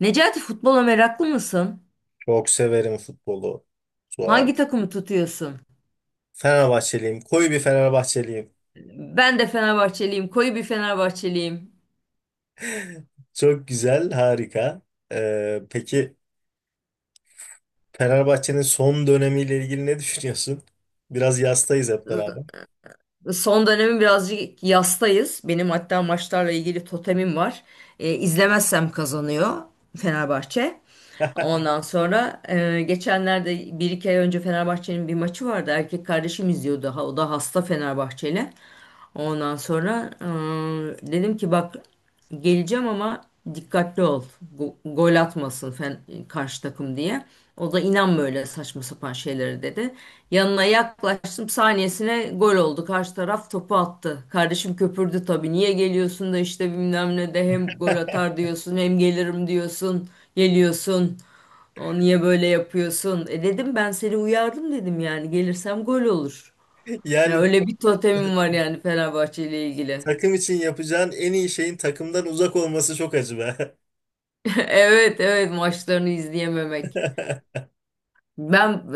Necati futbola meraklı mısın? Çok severim futbolu. Sual. Hangi takımı tutuyorsun? Fenerbahçeliyim. Koyu bir Fenerbahçeliyim. Ben de Fenerbahçeliyim. Koyu bir Fenerbahçeliyim. Çok güzel, harika. Peki Fenerbahçe'nin son dönemiyle ilgili ne düşünüyorsun? Biraz yastayız hep beraber. Ee, Son dönemi birazcık yastayız. Benim hatta maçlarla ilgili totemim var. İzlemezsem kazanıyor Fenerbahçe. Ondan sonra geçenlerde bir iki ay önce Fenerbahçe'nin bir maçı vardı. Erkek kardeşim izliyordu. O da hasta Fenerbahçeli. Ondan sonra dedim ki bak, geleceğim ama dikkatli ol. Gol atmasın karşı takım diye. O da inan böyle saçma sapan şeylere dedi. Yanına yaklaştım, saniyesine gol oldu. Karşı taraf topu attı. Kardeşim köpürdü tabii. Niye geliyorsun da işte bilmem ne de hem gol atar diyorsun hem gelirim diyorsun. Geliyorsun. O niye böyle yapıyorsun? E dedim, ben seni uyardım dedim, yani gelirsem gol olur. Ya Yani öyle bir totemim var yani Fenerbahçe ile ilgili. takım için yapacağın en iyi şeyin takımdan uzak olması çok acı be. Evet, evet, maçlarını izleyememek. Ben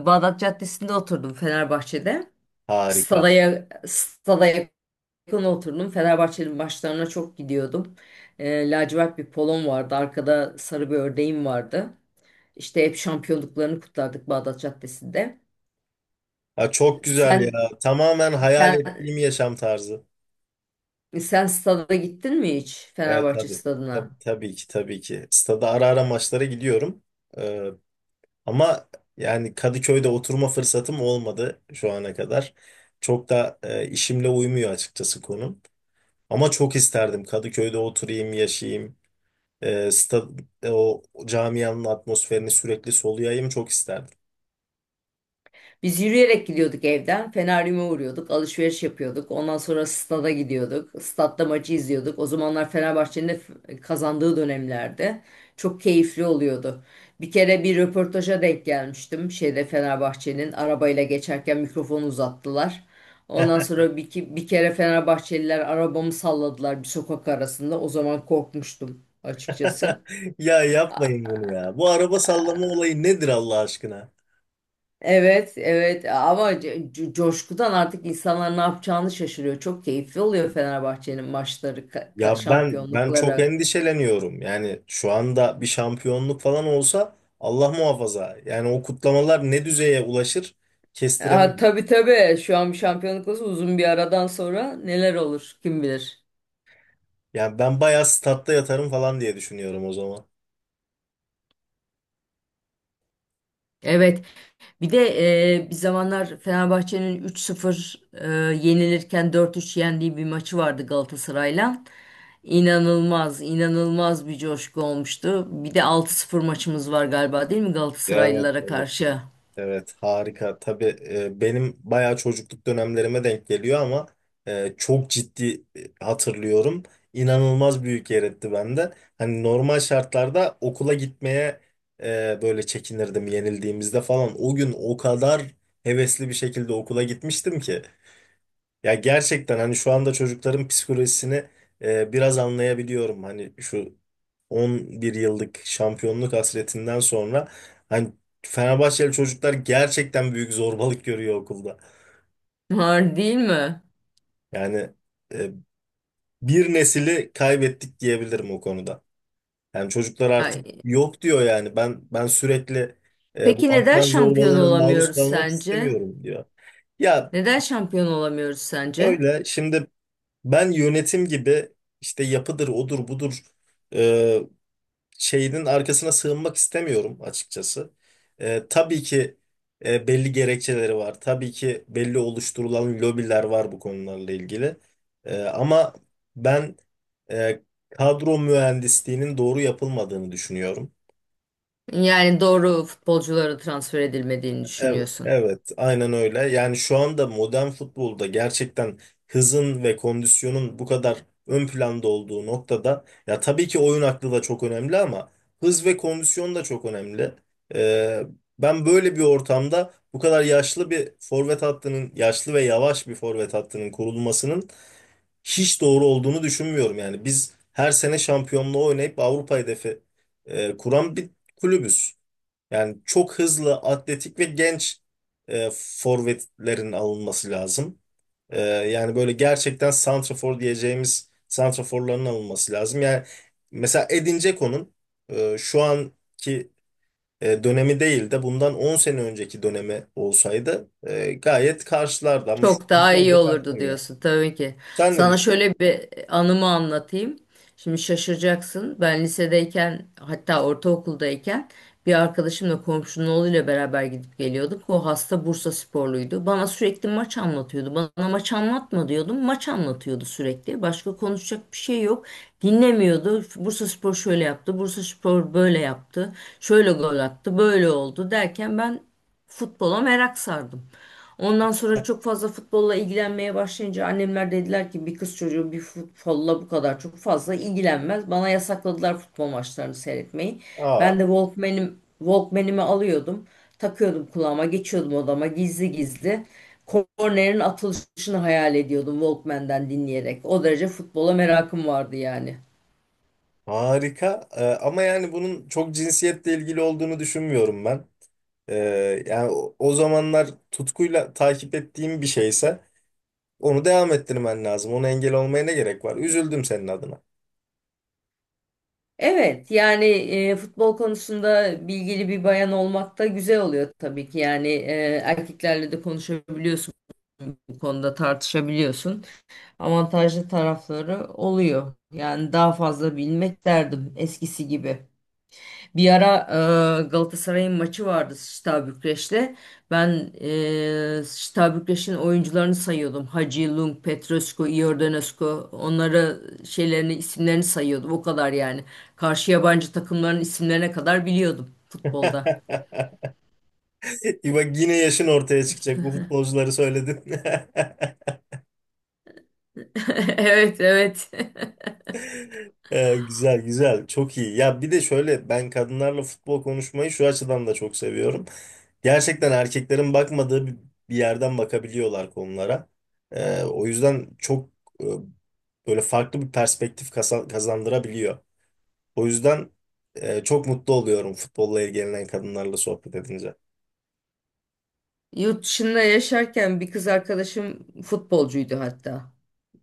Bağdat Caddesi'nde oturdum Fenerbahçe'de. Stada, Harika. Stada yakın oturdum. Fenerbahçe'nin maçlarına çok gidiyordum. Lacivert bir polon vardı. Arkada sarı bir ördeğim vardı. İşte hep şampiyonluklarını kutlardık Bağdat Caddesi'nde. Ya çok güzel ya. Sen Tamamen hayal sen ettiğim yaşam tarzı. sen stada gittin mi hiç, Evet Fenerbahçe tabii. Tabii, stadına? tabii ki tabii ki. Stada ara ara maçlara gidiyorum. Ee, Ama yani Kadıköy'de oturma fırsatım olmadı şu ana kadar. Çok da işimle uymuyor açıkçası konum. Ama çok isterdim Kadıköy'de oturayım, yaşayayım. E, sta- O camianın atmosferini sürekli soluyayım çok isterdim. Biz yürüyerek gidiyorduk evden. Feneryum'a uğruyorduk. Alışveriş yapıyorduk. Ondan sonra stada gidiyorduk. Statta maçı izliyorduk. O zamanlar Fenerbahçe'nin de kazandığı dönemlerde. Çok keyifli oluyordu. Bir kere bir röportaja denk gelmiştim. Şeyde Fenerbahçe'nin arabayla geçerken mikrofonu uzattılar. Ondan sonra bir kere Fenerbahçeliler arabamı salladılar bir sokak arasında. O zaman korkmuştum açıkçası. Ya yapmayın bunu ya. Bu araba sallama olayı nedir Allah aşkına? Evet, evet ama coşkudan artık insanlar ne yapacağını şaşırıyor. Çok keyifli oluyor Fenerbahçe'nin maçları, Ya ben çok şampiyonlukları. endişeleniyorum. Yani şu anda bir şampiyonluk falan olsa Allah muhafaza. Yani o kutlamalar ne düzeye ulaşır? Ha, Kestiremiyorum. tabii, tabii, şu an bir şampiyonluk olsa uzun bir aradan sonra neler olur kim bilir. Yani ben bayağı statta yatarım falan diye düşünüyorum o zaman. Evet, bir de bir zamanlar Fenerbahçe'nin 3-0 yenilirken 4-3 yendiği bir maçı vardı Galatasaray'la. İnanılmaz, inanılmaz bir coşku olmuştu. Bir de 6-0 maçımız var galiba, değil mi, Evet, Galatasaraylılara evet. karşı? Evet harika. Tabii benim bayağı çocukluk dönemlerime denk geliyor ama çok ciddi hatırlıyorum. İnanılmaz büyük yer etti bende. Hani normal şartlarda okula gitmeye böyle çekinirdim yenildiğimizde falan. O gün o kadar hevesli bir şekilde okula gitmiştim ki. Ya gerçekten hani şu anda çocukların psikolojisini biraz anlayabiliyorum. Hani şu 11 yıllık şampiyonluk hasretinden sonra hani Fenerbahçeli çocuklar gerçekten büyük zorbalık görüyor okulda. Var değil mi? Yani e, bir nesili kaybettik diyebilirim o konuda. Yani çocuklar artık Yani, yok diyor yani. Ben sürekli bu peki neden akran şampiyon zorbalığına maruz olamıyoruz kalmak sence? istemiyorum diyor. Ya Neden şampiyon olamıyoruz sence? öyle şimdi ben yönetim gibi işte yapıdır, odur, budur e, şeyinin arkasına sığınmak istemiyorum açıkçası. Tabii ki belli gerekçeleri var. Tabii ki belli oluşturulan lobiler var bu konularla ilgili. Ama ben e, kadro mühendisliğinin doğru yapılmadığını düşünüyorum. Yani doğru futbolculara transfer edilmediğini Evet, düşünüyorsun. evet, aynen öyle. Yani şu anda modern futbolda gerçekten hızın ve kondisyonun bu kadar ön planda olduğu noktada ya tabii ki oyun aklı da çok önemli ama hız ve kondisyon da çok önemli. Ee, Ben böyle bir ortamda bu kadar yaşlı bir forvet hattının, yaşlı ve yavaş bir forvet hattının kurulmasının hiç doğru olduğunu düşünmüyorum. Yani biz her sene şampiyonluğa oynayıp Avrupa hedefi kuran bir kulübüz. Yani çok hızlı, atletik ve genç forvetlerin alınması lazım. Yani böyle gerçekten santrafor diyeceğimiz santraforların alınması lazım. Yani mesela Edin Dzeko'nun şu anki dönemi değil de bundan 10 sene önceki dönemi olsaydı gayet karşılardı ama şu Çok an daha iyi bence olurdu karşılamıyor. diyorsun tabii ki. Sen ne Sana düşünüyorsun? şöyle bir anımı anlatayım. Şimdi şaşıracaksın. Ben lisedeyken, hatta ortaokuldayken, bir arkadaşımla komşunun oğluyla beraber gidip geliyorduk. O hasta Bursa sporluydu. Bana sürekli maç anlatıyordu. Bana maç anlatma diyordum. Maç anlatıyordu sürekli. Başka konuşacak bir şey yok. Dinlemiyordu. Bursa Spor şöyle yaptı. Bursa Spor böyle yaptı. Şöyle gol attı. Böyle oldu derken ben futbola merak sardım. Ondan sonra çok fazla futbolla ilgilenmeye başlayınca annemler dediler ki bir kız çocuğu bir futbolla bu kadar çok fazla ilgilenmez. Bana yasakladılar futbol maçlarını seyretmeyi. Aa. Ben de Walkman'imi alıyordum. Takıyordum kulağıma, geçiyordum odama gizli gizli. Kornerin atılışını hayal ediyordum Walkman'den dinleyerek. O derece futbola merakım vardı yani. Harika. Ama yani bunun çok cinsiyetle ilgili olduğunu düşünmüyorum ben. Ee, Yani o zamanlar tutkuyla takip ettiğim bir şeyse onu devam ettirmen lazım. Ona engel olmaya ne gerek var? Üzüldüm senin adına. Evet yani futbol konusunda bilgili bir bayan olmak da güzel oluyor tabii ki. Yani erkeklerle de konuşabiliyorsun bu konuda, tartışabiliyorsun. Avantajlı tarafları oluyor. Yani daha fazla bilmek derdim eskisi gibi. Bir ara Galatasaray'ın maçı vardı Steaua Bükreş'te. Ben Steaua Bükreş'in oyuncularını sayıyordum. Hacı, Lung, Petrescu, Iordanescu. Onları isimlerini sayıyordum. O kadar yani. Karşı yabancı takımların isimlerine kadar biliyordum futbolda. Bak yine yaşın ortaya çıkacak. Bu futbolcuları söyledin. Evet, evet. Güzel güzel çok iyi. Ya bir de şöyle ben kadınlarla futbol konuşmayı şu açıdan da çok seviyorum. Gerçekten erkeklerin bakmadığı bir yerden bakabiliyorlar konulara. O yüzden çok e, böyle farklı bir perspektif kazandırabiliyor. O yüzden çok mutlu oluyorum futbolla ilgilenen kadınlarla sohbet edince. Yurt dışında yaşarken bir kız arkadaşım futbolcuydu hatta.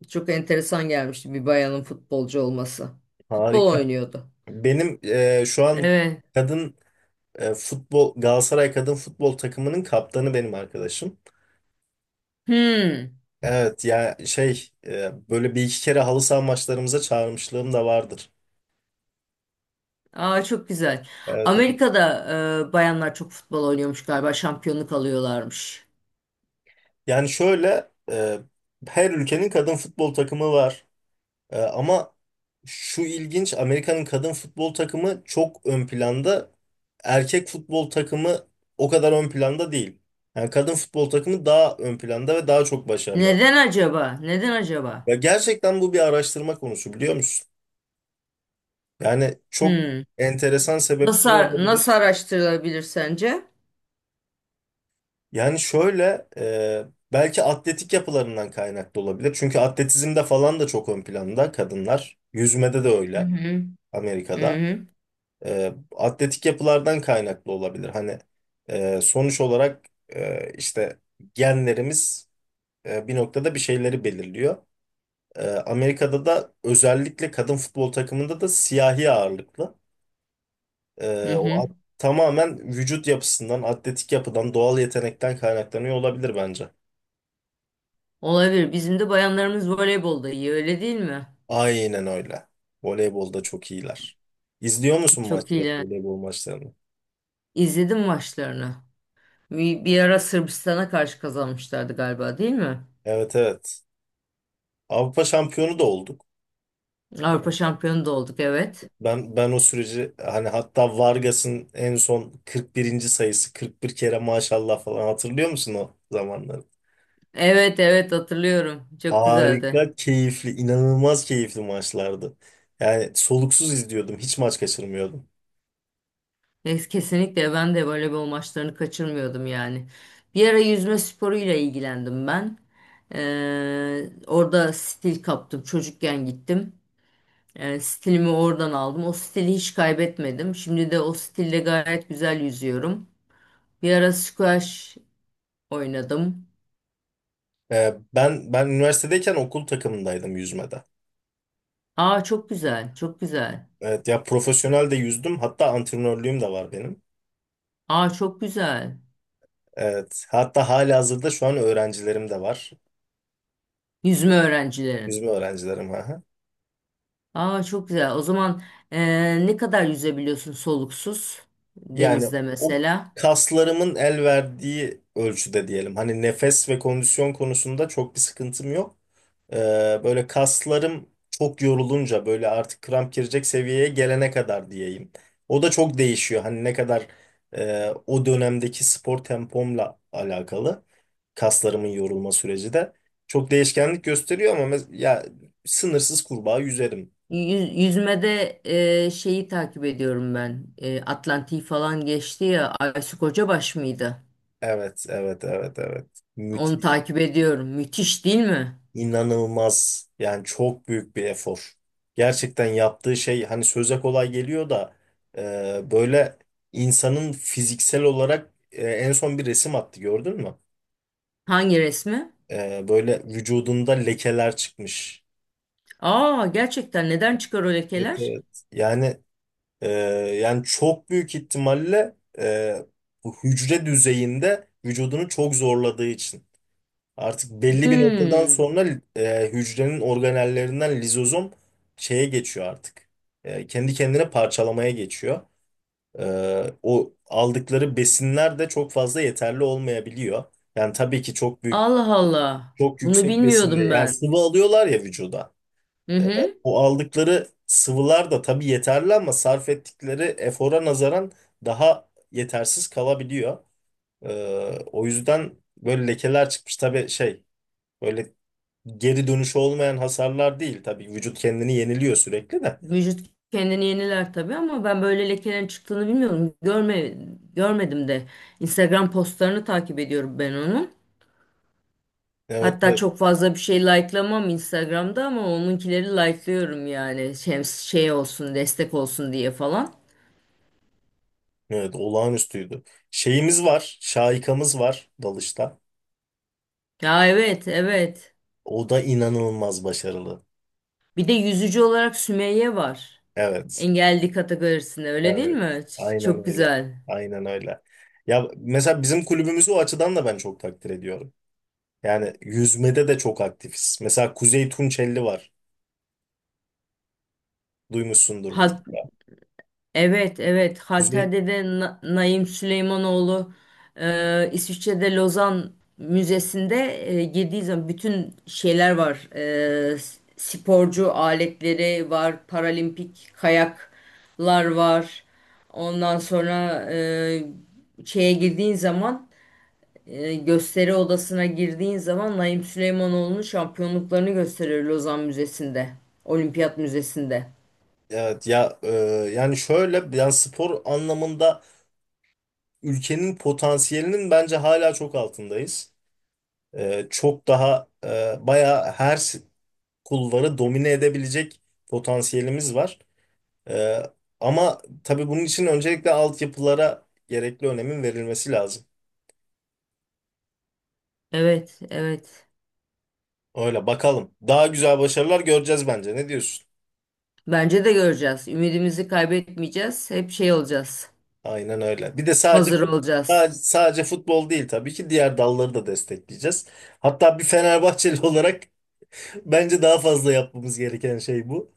Çok enteresan gelmişti bir bayanın futbolcu olması. Futbol Harika. oynuyordu. Benim şu an Evet. kadın futbol Galatasaray kadın futbol takımının kaptanı benim arkadaşım. Hmm. Evet ya şey böyle bir iki kere halı saha maçlarımıza çağırmışlığım da vardır. Aa, çok güzel. Evet, evet. Amerika'da bayanlar çok futbol oynuyormuş galiba. Şampiyonluk alıyorlarmış. Yani şöyle her ülkenin kadın futbol takımı var. Ama şu ilginç Amerika'nın kadın futbol takımı çok ön planda. Erkek futbol takımı o kadar ön planda değil. Yani kadın futbol takımı daha ön planda ve daha çok başarılı. Neden acaba? Neden Ve acaba? gerçekten bu bir araştırma konusu biliyor musun? Yani çok Hmm. enteresan sebepleri Nasıl, olabilir. nasıl araştırılabilir sence? Yani şöyle belki atletik yapılarından kaynaklı olabilir. Çünkü atletizmde falan da çok ön planda kadınlar. Yüzmede de Hı öyle hı. Hı Amerika'da. hı. Atletik yapılardan kaynaklı olabilir. Hani sonuç olarak işte genlerimiz bir noktada bir şeyleri belirliyor. Amerika'da da özellikle kadın futbol takımında da siyahi ağırlıklı. Hı E, o at- hı. Tamamen vücut yapısından, atletik yapıdan, doğal yetenekten kaynaklanıyor olabilir bence. Olabilir. Bizim de bayanlarımız voleybolda iyi, öyle değil mi? Aynen öyle. Voleybolda çok iyiler. İzliyor musun Çok maçları, iyiler. voleybol maçlarını? İzledim maçlarını. Bir ara Sırbistan'a karşı kazanmışlardı galiba, değil mi? Evet evet. Avrupa şampiyonu da olduk. Avrupa şampiyonu da olduk, evet. Ben o süreci hani hatta Vargas'ın en son 41. sayısı 41 kere maşallah falan hatırlıyor musun o zamanları? Evet, evet, hatırlıyorum. Çok güzeldi. Harika, keyifli, inanılmaz keyifli maçlardı. Yani soluksuz izliyordum, hiç maç kaçırmıyordum. Kesinlikle ben de voleybol maçlarını kaçırmıyordum yani. Bir ara yüzme sporuyla ilgilendim ben. Orada stil kaptım. Çocukken gittim. Stilimi oradan aldım. O stili hiç kaybetmedim. Şimdi de o stille gayet güzel yüzüyorum. Bir ara squash oynadım. Ben üniversitedeyken okul takımındaydım yüzmede. Aa, çok güzel, çok güzel. Evet ya profesyonel de yüzdüm. Hatta antrenörlüğüm de var benim. Aa, çok güzel. Evet. Hatta halihazırda şu an öğrencilerim de var. Yüzme öğrencileri. Yüzme öğrencilerim. Aha. Aa, çok güzel. O zaman ne kadar yüzebiliyorsun soluksuz Yani denizde o mesela? kaslarımın el verdiği ölçüde diyelim. Hani nefes ve kondisyon konusunda çok bir sıkıntım yok. Ee, Böyle kaslarım çok yorulunca böyle artık kramp girecek seviyeye gelene kadar diyeyim. O da çok değişiyor. Hani ne kadar o dönemdeki spor tempomla alakalı kaslarımın yorulma süreci de çok değişkenlik gösteriyor ama ya sınırsız kurbağa yüzerim. Yüzmede şeyi takip ediyorum ben. Eee, Atlantik'i falan geçti ya. Aysu Kocabaş mıydı? Evet, evet, evet, evet. Onu Müthiş. takip ediyorum. Müthiş değil mi? İnanılmaz. Yani çok büyük bir efor. Gerçekten yaptığı şey hani söze kolay geliyor da böyle insanın fiziksel olarak en son bir resim attı gördün mü? Hangi resmi? Böyle vücudunda lekeler çıkmış. Aa, gerçekten, neden çıkar o Evet, lekeler? evet. Yani e, yani çok büyük ihtimalle bu hücre düzeyinde vücudunu çok zorladığı için. Artık belli bir noktadan Hmm. sonra hücrenin organellerinden lizozom şeye geçiyor artık. Kendi kendine parçalamaya geçiyor. E, O aldıkları besinler de çok fazla yeterli olmayabiliyor. Yani tabii ki çok büyük, Allah Allah. çok Bunu yüksek besinde. bilmiyordum Yani ben. sıvı alıyorlar ya vücuda. Hı hı. O aldıkları sıvılar da tabii yeterli ama sarf ettikleri efora nazaran daha yetersiz kalabiliyor. E, O yüzden böyle lekeler çıkmış. Tabii şey. Böyle geri dönüşü olmayan hasarlar değil. Tabii vücut kendini yeniliyor sürekli de. Vücut kendini yeniler tabii ama ben böyle lekelerin çıktığını bilmiyorum. Görmedim de. Instagram postlarını takip ediyorum ben onun. Evet, Hatta evet. çok fazla bir şey likelamam Instagram'da ama onunkileri likelıyorum yani. Şey olsun, destek olsun diye falan. Evet, olağanüstüydü. Şeyimiz var, şahikamız var dalışta. Ya, evet, evet. O da inanılmaz başarılı. Bir de yüzücü olarak Sümeyye var. Evet, Engelli kategorisinde, öyle değil evet. mi? Aynen Çok öyle. güzel. Aynen öyle. Ya mesela bizim kulübümüzü o açıdan da ben çok takdir ediyorum. Yani yüzmede de çok aktifiz. Mesela Kuzey Tunçelli var. Duymuşsundur mu? Halk Evet, evet. Kuzey, Halter'de de Naim Süleymanoğlu İsviçre'de Lozan Müzesi'nde girdiği zaman bütün şeyler var. E, sporcu aletleri var, paralimpik kayaklar var. Ondan sonra şeye girdiğin zaman gösteri odasına girdiğin zaman Naim Süleymanoğlu'nun şampiyonluklarını gösteriyor Lozan Müzesi'nde, Olimpiyat Müzesi'nde. evet ya, yani şöyle yani spor anlamında ülkenin potansiyelinin bence hala çok altındayız. Çok daha bayağı her kulvarı domine edebilecek potansiyelimiz var. Ee, Ama tabii bunun için öncelikle altyapılara gerekli önemin verilmesi lazım. Evet, evet. Öyle bakalım. Daha güzel başarılar göreceğiz bence. Ne diyorsun? Bence de göreceğiz. Ümidimizi kaybetmeyeceğiz. Hep şey olacağız. Aynen öyle. Bir de Hazır sadece olacağız. sadece futbol değil tabii ki diğer dalları da destekleyeceğiz. Hatta bir Fenerbahçeli olarak bence daha fazla yapmamız gereken şey bu.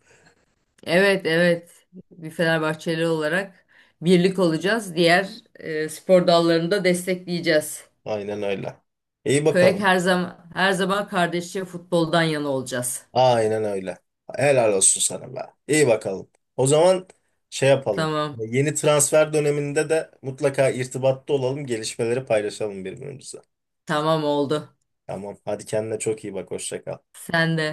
Evet, evet. Bir Fenerbahçeli olarak birlik olacağız. Diğer spor dallarını da destekleyeceğiz. Aynen öyle. İyi Köyek bakalım. her zaman, her zaman kardeşçe futboldan yana olacağız. Aynen öyle. Helal olsun sana be. İyi bakalım. O zaman şey yapalım. Tamam. Yeni transfer döneminde de mutlaka irtibatta olalım, gelişmeleri paylaşalım birbirimize. Tamam oldu. Tamam. Hadi kendine çok iyi bak. Hoşça kal. Sen de.